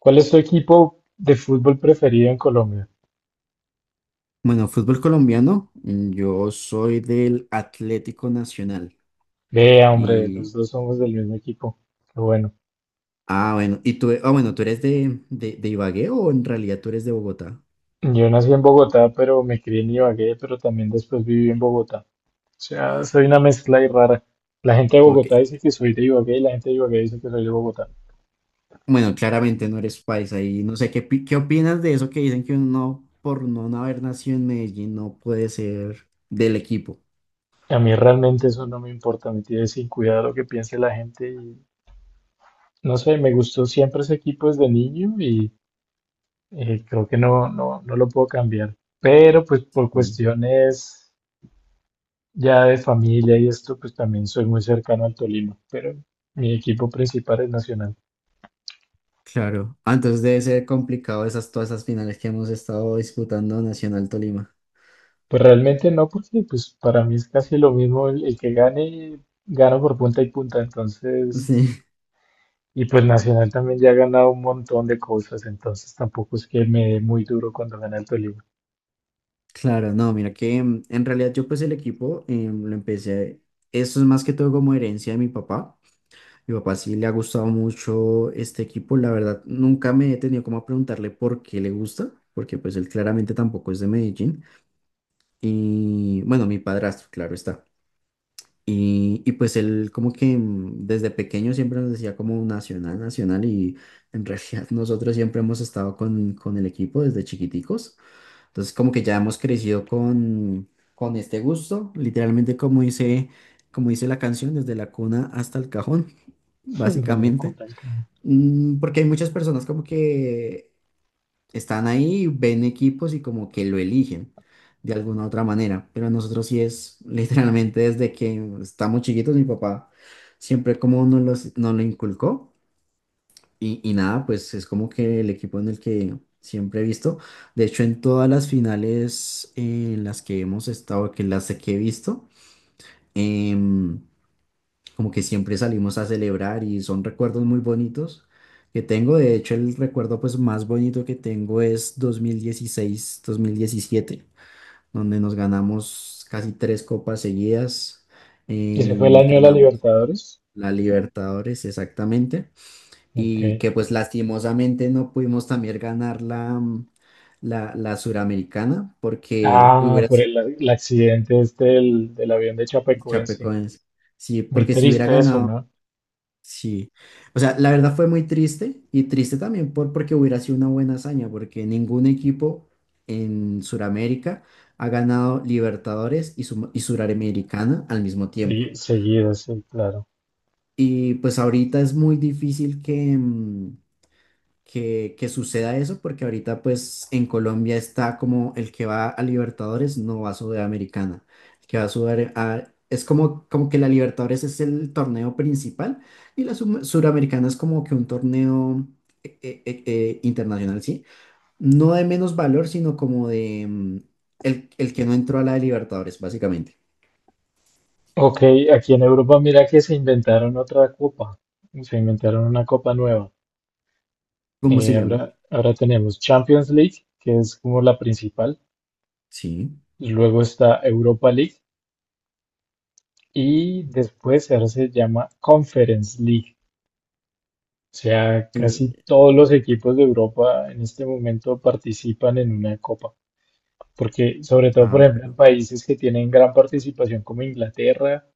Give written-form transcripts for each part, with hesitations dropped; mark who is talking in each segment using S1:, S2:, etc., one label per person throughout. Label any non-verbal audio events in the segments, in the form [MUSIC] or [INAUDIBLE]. S1: ¿Cuál es tu equipo de fútbol preferido en Colombia?
S2: Bueno, fútbol colombiano, yo soy del Atlético Nacional
S1: Vea, hombre,
S2: y
S1: los dos somos del mismo equipo. Qué bueno.
S2: bueno, y tú, bueno, ¿tú eres de, de Ibagué o en realidad tú eres de Bogotá?
S1: Yo nací en Bogotá, pero me crié en Ibagué, pero también después viví en Bogotá. O sea, soy una mezcla ahí rara. La gente de
S2: Ok.
S1: Bogotá dice que soy de Ibagué y la gente de Ibagué dice que soy de Bogotá.
S2: Bueno, claramente no eres paisa y no sé qué, qué opinas de eso que dicen que uno por no haber nacido en Medellín no puede ser del equipo.
S1: A mí realmente eso no me importa, me tiene sin cuidado lo que piense la gente y no sé, me gustó siempre ese equipo desde niño y creo que no lo puedo cambiar. Pero pues por
S2: Sí.
S1: cuestiones ya de familia y esto, pues también soy muy cercano al Tolima, pero mi equipo principal es Nacional.
S2: Claro. Entonces debe ser complicado esas todas esas finales que hemos estado disputando Nacional Tolima.
S1: Pues realmente no, porque pues para mí es casi lo mismo el que gane, gano por punta y punta,
S2: [LAUGHS]
S1: entonces,
S2: Sí.
S1: y pues Nacional también ya ha ganado un montón de cosas, entonces tampoco es que me dé muy duro cuando gana el Tolima.
S2: Claro, no, mira que en realidad yo pues el equipo lo empecé. Eso es más que todo como herencia de mi papá. Mi papá sí le ha gustado mucho este equipo, la verdad nunca me he tenido como a preguntarle por qué le gusta, porque pues él claramente tampoco es de Medellín. Y bueno, mi padrastro, claro está. Y pues él como que desde pequeño siempre nos decía como nacional, nacional y en realidad [LAUGHS] nosotros siempre hemos estado con, el equipo desde chiquiticos. Entonces, como que ya hemos crecido con, este gusto, literalmente como dice la canción, desde la cuna hasta el cajón, [LAUGHS]
S1: [LAUGHS] De la
S2: básicamente.
S1: Copa del Cabo.
S2: Porque hay muchas personas como que están ahí, ven equipos y como que lo eligen de alguna u otra manera, pero nosotros sí es [LAUGHS] literalmente desde que estamos chiquitos, mi papá siempre como nos lo inculcó. Y nada, pues es como que el equipo en el que siempre he visto. De hecho, en todas las finales en las que hemos estado, que las que he visto, em, como que siempre salimos a celebrar y son recuerdos muy bonitos que tengo. De hecho, el recuerdo pues más bonito que tengo es dos mil dieciséis mil diecisiete donde nos ganamos casi tres copas seguidas.
S1: Ese fue el
S2: em,
S1: año de la
S2: ganamos
S1: Libertadores.
S2: la Libertadores, exactamente,
S1: Ok.
S2: y que pues lastimosamente no pudimos también ganar la, la, Suramericana porque
S1: Ah,
S2: hubiera
S1: por
S2: sido
S1: el accidente este del avión de
S2: el
S1: Chapecoense.
S2: Chapecoense. Sí,
S1: Muy
S2: porque si hubiera
S1: triste eso,
S2: ganado,
S1: ¿no?
S2: sí. O sea, la verdad fue muy triste y triste también porque hubiera sido una buena hazaña, porque ningún equipo en Suramérica ha ganado Libertadores y Suramericana al mismo tiempo.
S1: Sí, seguido, sí, claro.
S2: Y pues ahorita es muy difícil que, que suceda eso, porque ahorita pues en Colombia está como el que va a Libertadores no va a Sudamericana, el que va a Sudamericana es como, que la Libertadores es el torneo principal y la Suramericana es como que un torneo internacional, ¿sí? No de menos valor, sino como de el, que no entró a la de Libertadores, básicamente.
S1: Ok, aquí en Europa mira que se inventaron otra copa, se inventaron una copa nueva.
S2: ¿Cómo se llama?
S1: Ahora tenemos Champions League, que es como la principal,
S2: Sí.
S1: luego está Europa League y después ahora se llama Conference League. O sea,
S2: Y-
S1: casi todos los equipos de Europa en este momento participan en una copa, porque sobre todo, por ejemplo, en
S2: pero
S1: países que tienen gran participación como Inglaterra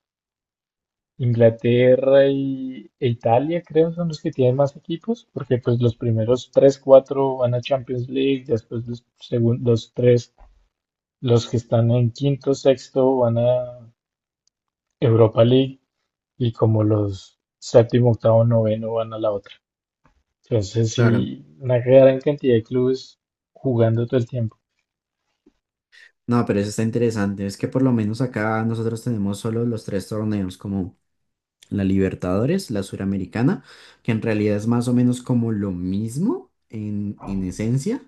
S1: Inglaterra e Italia creo son los que tienen más equipos, porque pues los primeros tres, cuatro van a Champions League, después los segundos tres, los que están en quinto, sexto van a Europa League y como los séptimo, octavo, noveno van a la otra. Entonces
S2: claro.
S1: sí, una gran cantidad de clubes jugando todo el tiempo.
S2: No, pero eso está interesante. Es que por lo menos acá nosotros tenemos solo los tres torneos, como la Libertadores, la Suramericana, que en realidad es más o menos como lo mismo en, esencia,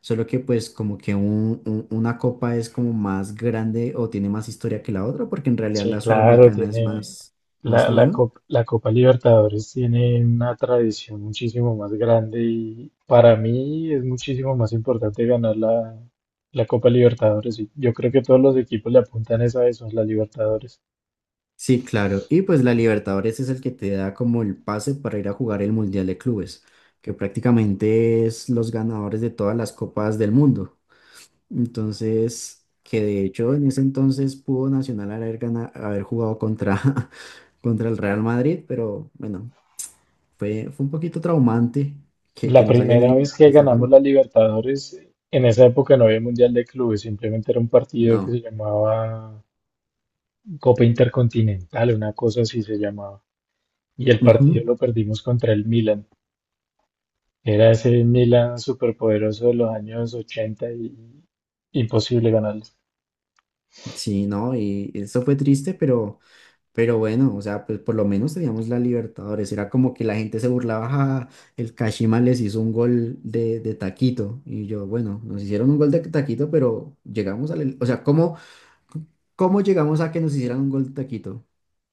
S2: solo que pues como que una copa es como más grande o tiene más historia que la otra, porque en realidad
S1: Sí,
S2: la
S1: claro,
S2: Suramericana es
S1: tiene
S2: más
S1: la, la,
S2: nueva.
S1: Cop- la Copa Libertadores tiene una tradición muchísimo más grande y para mí es muchísimo más importante ganar la Copa Libertadores. Y yo creo que todos los equipos le apuntan es a eso, a la Libertadores.
S2: Sí, claro. Y pues la Libertadores es el que te da como el pase para ir a jugar el Mundial de Clubes, que prácticamente es los ganadores de todas las copas del mundo. Entonces, que de hecho en ese entonces pudo Nacional haber jugado contra, [LAUGHS] contra el Real Madrid, pero bueno, fue un poquito traumante que
S1: La
S2: nos hayan
S1: primera vez
S2: eliminado
S1: que
S2: de esa
S1: ganamos la
S2: forma.
S1: Libertadores, en esa época no había Mundial de Clubes, simplemente era un partido que
S2: No.
S1: se llamaba Copa Intercontinental, una cosa así se llamaba. Y el partido
S2: Ujú.
S1: lo perdimos contra el Milan. Era ese Milan superpoderoso de los años 80 y imposible ganarles.
S2: Sí, no, y eso fue triste, pero, bueno, o sea, pues por lo menos teníamos la Libertadores. Era como que la gente se burlaba, "Ja, el Kashima les hizo un gol de, taquito". Y yo, bueno, nos hicieron un gol de taquito, pero llegamos al... O sea, ¿cómo? ¿Cómo llegamos a que nos hicieran un gol de taquito?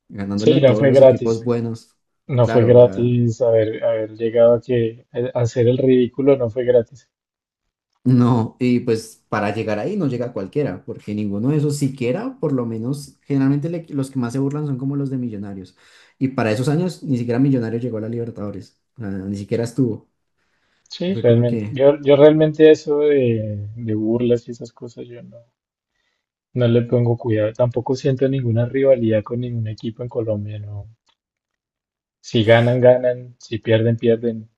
S2: Ganándole
S1: Sí,
S2: a
S1: no
S2: todos
S1: fue
S2: los equipos
S1: gratis.
S2: buenos.
S1: No fue
S2: Claro, o sea,
S1: gratis haber llegado a que a hacer el ridículo, no fue gratis.
S2: no. Y pues para llegar ahí no llega cualquiera, porque ninguno de esos siquiera, por lo menos, generalmente los que más se burlan son como los de Millonarios. Y para esos años ni siquiera Millonarios llegó a la Libertadores. O sea, ni siquiera estuvo.
S1: Sí,
S2: Fue como
S1: realmente.
S2: que,
S1: Yo realmente eso de burlas y esas cosas, yo no, no le pongo cuidado. Tampoco siento ninguna rivalidad con ningún equipo en Colombia, no. Si ganan, ganan. Si pierden, pierden.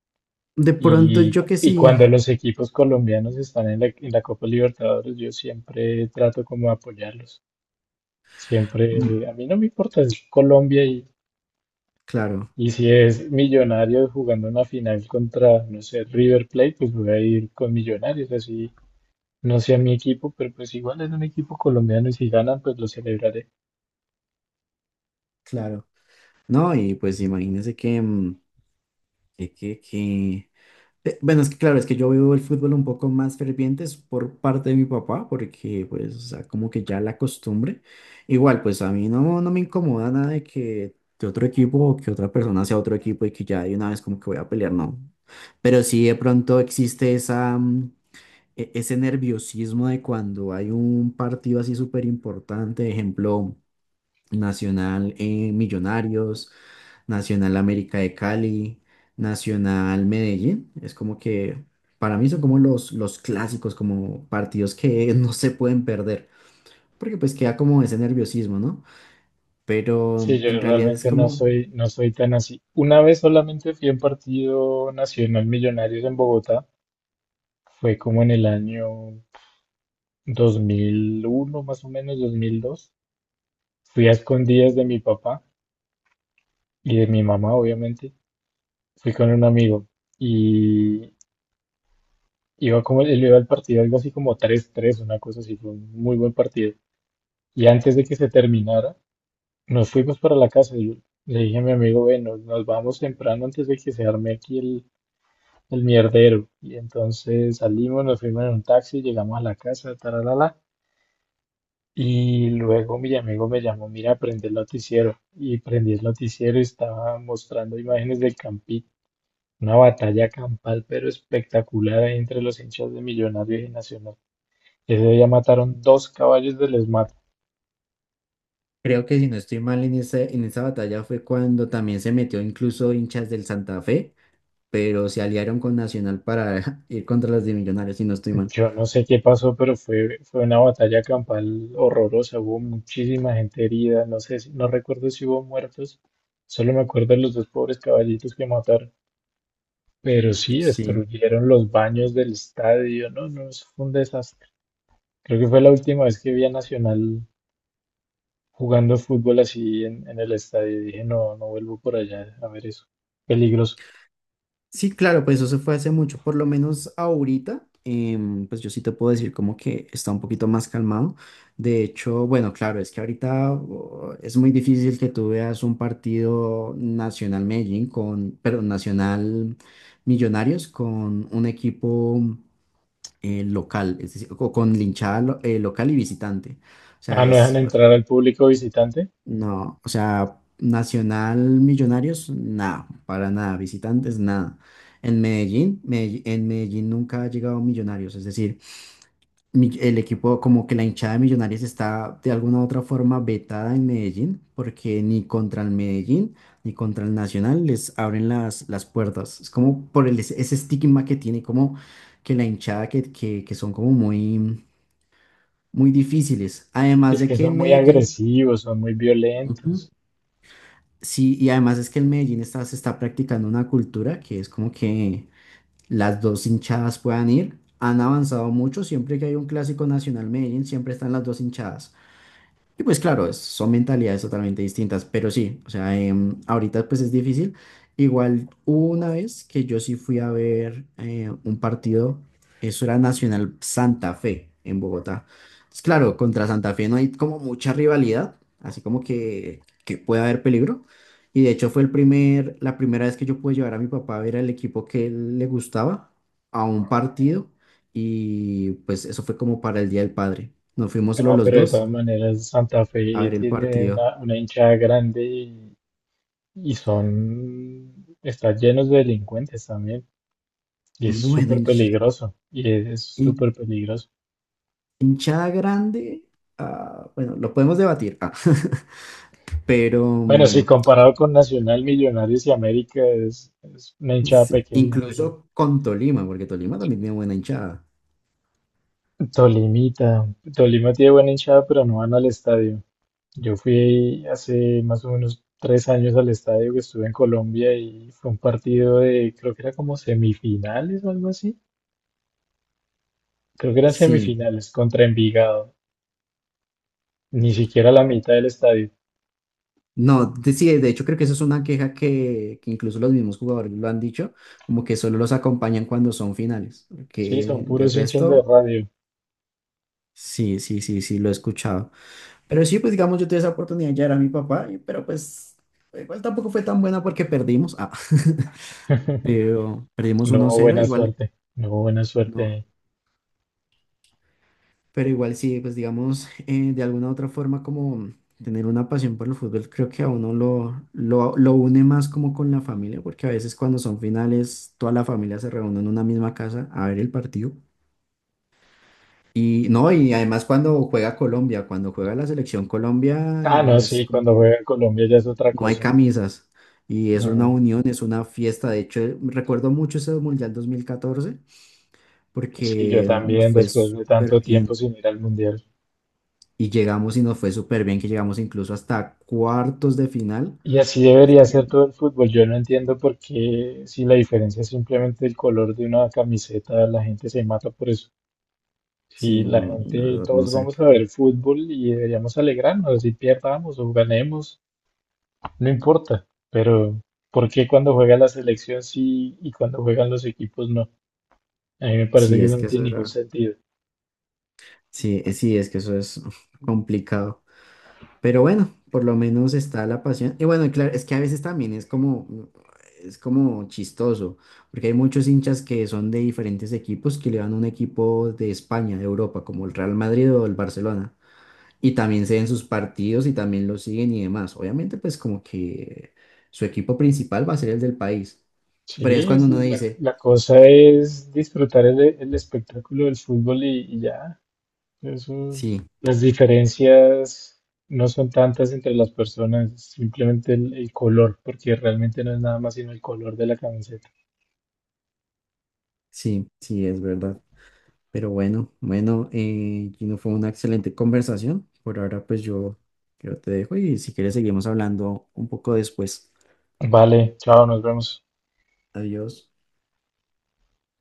S2: de pronto yo que
S1: Y cuando
S2: sí.
S1: los equipos colombianos están en en la Copa Libertadores, yo siempre trato como de apoyarlos. Siempre,
S2: Mm,
S1: a mí no me importa, si es Colombia
S2: claro,
S1: y si es Millonarios jugando una final contra, no sé, River Plate, pues voy a ir con Millonarios, así no sea mi equipo, pero pues igual es un equipo colombiano y si ganan, pues lo celebraré.
S2: claro. No, y pues imagínense que Bueno, es que claro, es que yo vivo el fútbol un poco más ferviente es por parte de mi papá, porque pues, o sea, como que ya la costumbre. Igual, pues a mí no me incomoda nada de que otro equipo o que otra persona sea otro equipo y que ya de una vez como que voy a pelear, no. Pero sí de pronto existe ese nerviosismo de cuando hay un partido así súper importante, ejemplo. Nacional, Millonarios, Nacional América de Cali, Nacional Medellín. Es como que para mí son como los clásicos, como partidos que [LAUGHS] no se pueden perder, porque pues queda como ese nerviosismo, ¿no? Pero
S1: Sí, yo
S2: en realidad es
S1: realmente
S2: como,
S1: no soy tan así. Una vez solamente fui a un partido nacional Millonarios en Bogotá, fue como en el año 2001, más o menos, 2002. Fui a escondidas de mi papá y de mi mamá, obviamente. Fui con un amigo y iba como, él iba al partido, algo así como tres tres, una cosa así, fue un muy buen partido. Y antes de que se terminara, nos fuimos para la casa. Y yo le dije a mi amigo, bueno, nos vamos temprano antes de que se arme aquí el mierdero. Y entonces salimos, nos fuimos en un taxi, llegamos a la casa, taralala. Y luego mi amigo me llamó, mira, prende el noticiero. Y prendí el noticiero y estaba mostrando imágenes del Campín, una batalla campal, pero espectacular ahí entre los hinchas de Millonarios y Nacional. Ese día mataron dos caballos del ESMAD.
S2: creo que si no estoy mal en esa batalla fue cuando también se metió incluso hinchas del Santa Fe, pero se aliaron con Nacional para [LAUGHS] ir contra las de Millonarios, si no estoy mal.
S1: Yo no sé qué pasó, pero fue una batalla campal horrorosa. Hubo muchísima gente herida, no sé, no recuerdo si hubo muertos. Solo me acuerdo de los dos pobres caballitos que mataron. Pero sí,
S2: Sí.
S1: destruyeron los baños del estadio. No, no, eso fue un desastre. Creo que fue la última vez que vi a Nacional jugando fútbol así en el estadio. Dije, no, no vuelvo por allá a ver eso. Peligroso.
S2: Sí, claro, pues eso se fue hace mucho, por lo menos ahorita, pues yo sí te puedo decir como que está un poquito más calmado. De hecho, bueno, claro, es que ahorita oh, es muy difícil que tú veas un partido Nacional Medellín con, perdón, Nacional Millonarios con un equipo local, es decir, con linchada local y visitante. O
S1: Ah,
S2: sea,
S1: no dejan
S2: es
S1: entrar al público visitante.
S2: no, o sea, Nacional Millonarios, nada, para nada, visitantes, nada. En Medellín nunca ha llegado Millonarios, es decir, el equipo, como que la hinchada de Millonarios está de alguna u otra forma vetada en Medellín, porque ni contra el Medellín ni contra el Nacional les abren las puertas. Es como por el, ese ese estigma que tiene, como que la hinchada que son como muy muy difíciles. Además
S1: Es
S2: de
S1: que
S2: que en
S1: son muy
S2: Medellín...
S1: agresivos, son muy violentos.
S2: Sí, y además es que en Medellín se está practicando una cultura que es como que las dos hinchadas puedan ir. Han avanzado mucho, siempre que hay un clásico nacional Medellín, siempre están las dos hinchadas. Y pues claro, son mentalidades totalmente distintas, pero sí, o sea, ahorita pues es difícil. Igual hubo una vez que yo sí fui a ver un partido, eso era Nacional Santa Fe en Bogotá. Entonces, claro, contra Santa Fe no hay como mucha rivalidad, así como que puede haber peligro. Y de hecho fue el primer, la primera vez que yo pude llevar a mi papá a ver al equipo que él le gustaba a un partido y pues eso fue como para el Día del Padre. Nos fuimos solo
S1: No,
S2: los
S1: pero de
S2: dos
S1: todas maneras, Santa
S2: a
S1: Fe
S2: ver el
S1: tiene
S2: partido.
S1: una hinchada grande y son, están llenos de delincuentes también. Y es
S2: Bueno,
S1: súper peligroso. Y es
S2: hin-
S1: súper peligroso.
S2: hinchada grande, bueno, lo podemos debatir, [LAUGHS] pero
S1: Bueno, sí, comparado con Nacional, Millonarios y América es una hinchada
S2: sí,
S1: pequeña, pero
S2: incluso con Tolima, porque Tolima también tiene buena hinchada.
S1: Tolimita, Tolima tiene buena hinchada, pero no van al estadio. Yo fui hace más o menos tres años al estadio que estuve en Colombia y fue un partido de, creo que era como semifinales o algo así. Creo que eran
S2: Sí,
S1: semifinales contra Envigado, ni siquiera la mitad del estadio.
S2: no, sí, de hecho creo que eso es una queja que incluso los mismos jugadores lo han dicho, como que solo los acompañan cuando son finales,
S1: Sí, son
S2: que de
S1: puros hinchas de
S2: resto,
S1: radio.
S2: sí, sí, sí, sí, lo he escuchado. Pero sí, pues digamos, yo tuve esa oportunidad, ya era mi papá, pero pues igual tampoco fue tan buena porque perdimos. Ah. [LAUGHS] Pero
S1: [LAUGHS]
S2: perdimos
S1: No
S2: uno
S1: hubo
S2: cero
S1: buena
S2: igual,
S1: suerte, no hubo buena
S2: no,
S1: suerte.
S2: pero igual sí, pues digamos, de alguna u otra forma como tener una pasión por el fútbol, creo que a uno lo une más como con la familia, porque a veces cuando son finales, toda la familia se reúne en una misma casa a ver el partido. Y no, y además cuando juega Colombia, cuando juega la selección Colombia,
S1: Ah, no,
S2: es
S1: sí,
S2: como
S1: cuando
S2: que
S1: juega en Colombia ya es otra
S2: no hay
S1: cosa.
S2: camisas y es una
S1: Ujú.
S2: unión, es una fiesta. De hecho, recuerdo mucho ese Mundial 2014
S1: Sí, yo
S2: porque nos
S1: también,
S2: fue
S1: después de
S2: súper
S1: tanto tiempo
S2: bien.
S1: sin ir al mundial.
S2: Y llegamos y nos fue súper bien, que llegamos incluso hasta cuartos de final.
S1: Y así debería
S2: Y
S1: ser
S2: en-
S1: todo el fútbol. Yo no entiendo por qué, si la diferencia es simplemente el color de una camiseta, la gente se mata por eso.
S2: Sí,
S1: Si la
S2: no, la
S1: gente,
S2: verdad no
S1: todos
S2: sé.
S1: vamos a ver fútbol y deberíamos alegrarnos, si pierdamos o ganemos, no importa. Pero, ¿por qué cuando juega la selección sí y cuando juegan los equipos no? A mí me parece
S2: Sí,
S1: que
S2: es
S1: eso no
S2: que
S1: tiene
S2: eso
S1: ningún
S2: era,
S1: sentido.
S2: sí, sí, es que eso es [LAUGHS] complicado. Pero bueno, por lo menos está la pasión. Y bueno, y claro, es que a veces también es como, es como chistoso, porque hay muchos hinchas que son de diferentes equipos que le van a un equipo de España, de Europa, como el Real Madrid o el Barcelona. Y también se ven sus partidos y también lo siguen y demás. Obviamente, pues como que su equipo principal va a ser el del país. Pero
S1: Sí,
S2: es cuando
S1: es
S2: uno dice,
S1: la cosa es disfrutar el espectáculo del fútbol y ya. Eso,
S2: sí,
S1: las diferencias no son tantas entre las personas, es simplemente el color, porque realmente no es nada más sino el color de la camiseta.
S2: sí, sí, es verdad. Pero bueno, bueno, Gino, fue una excelente conversación. Por ahora, pues yo te dejo y si quieres seguimos hablando un poco después.
S1: Vale, chao, nos vemos.
S2: Adiós.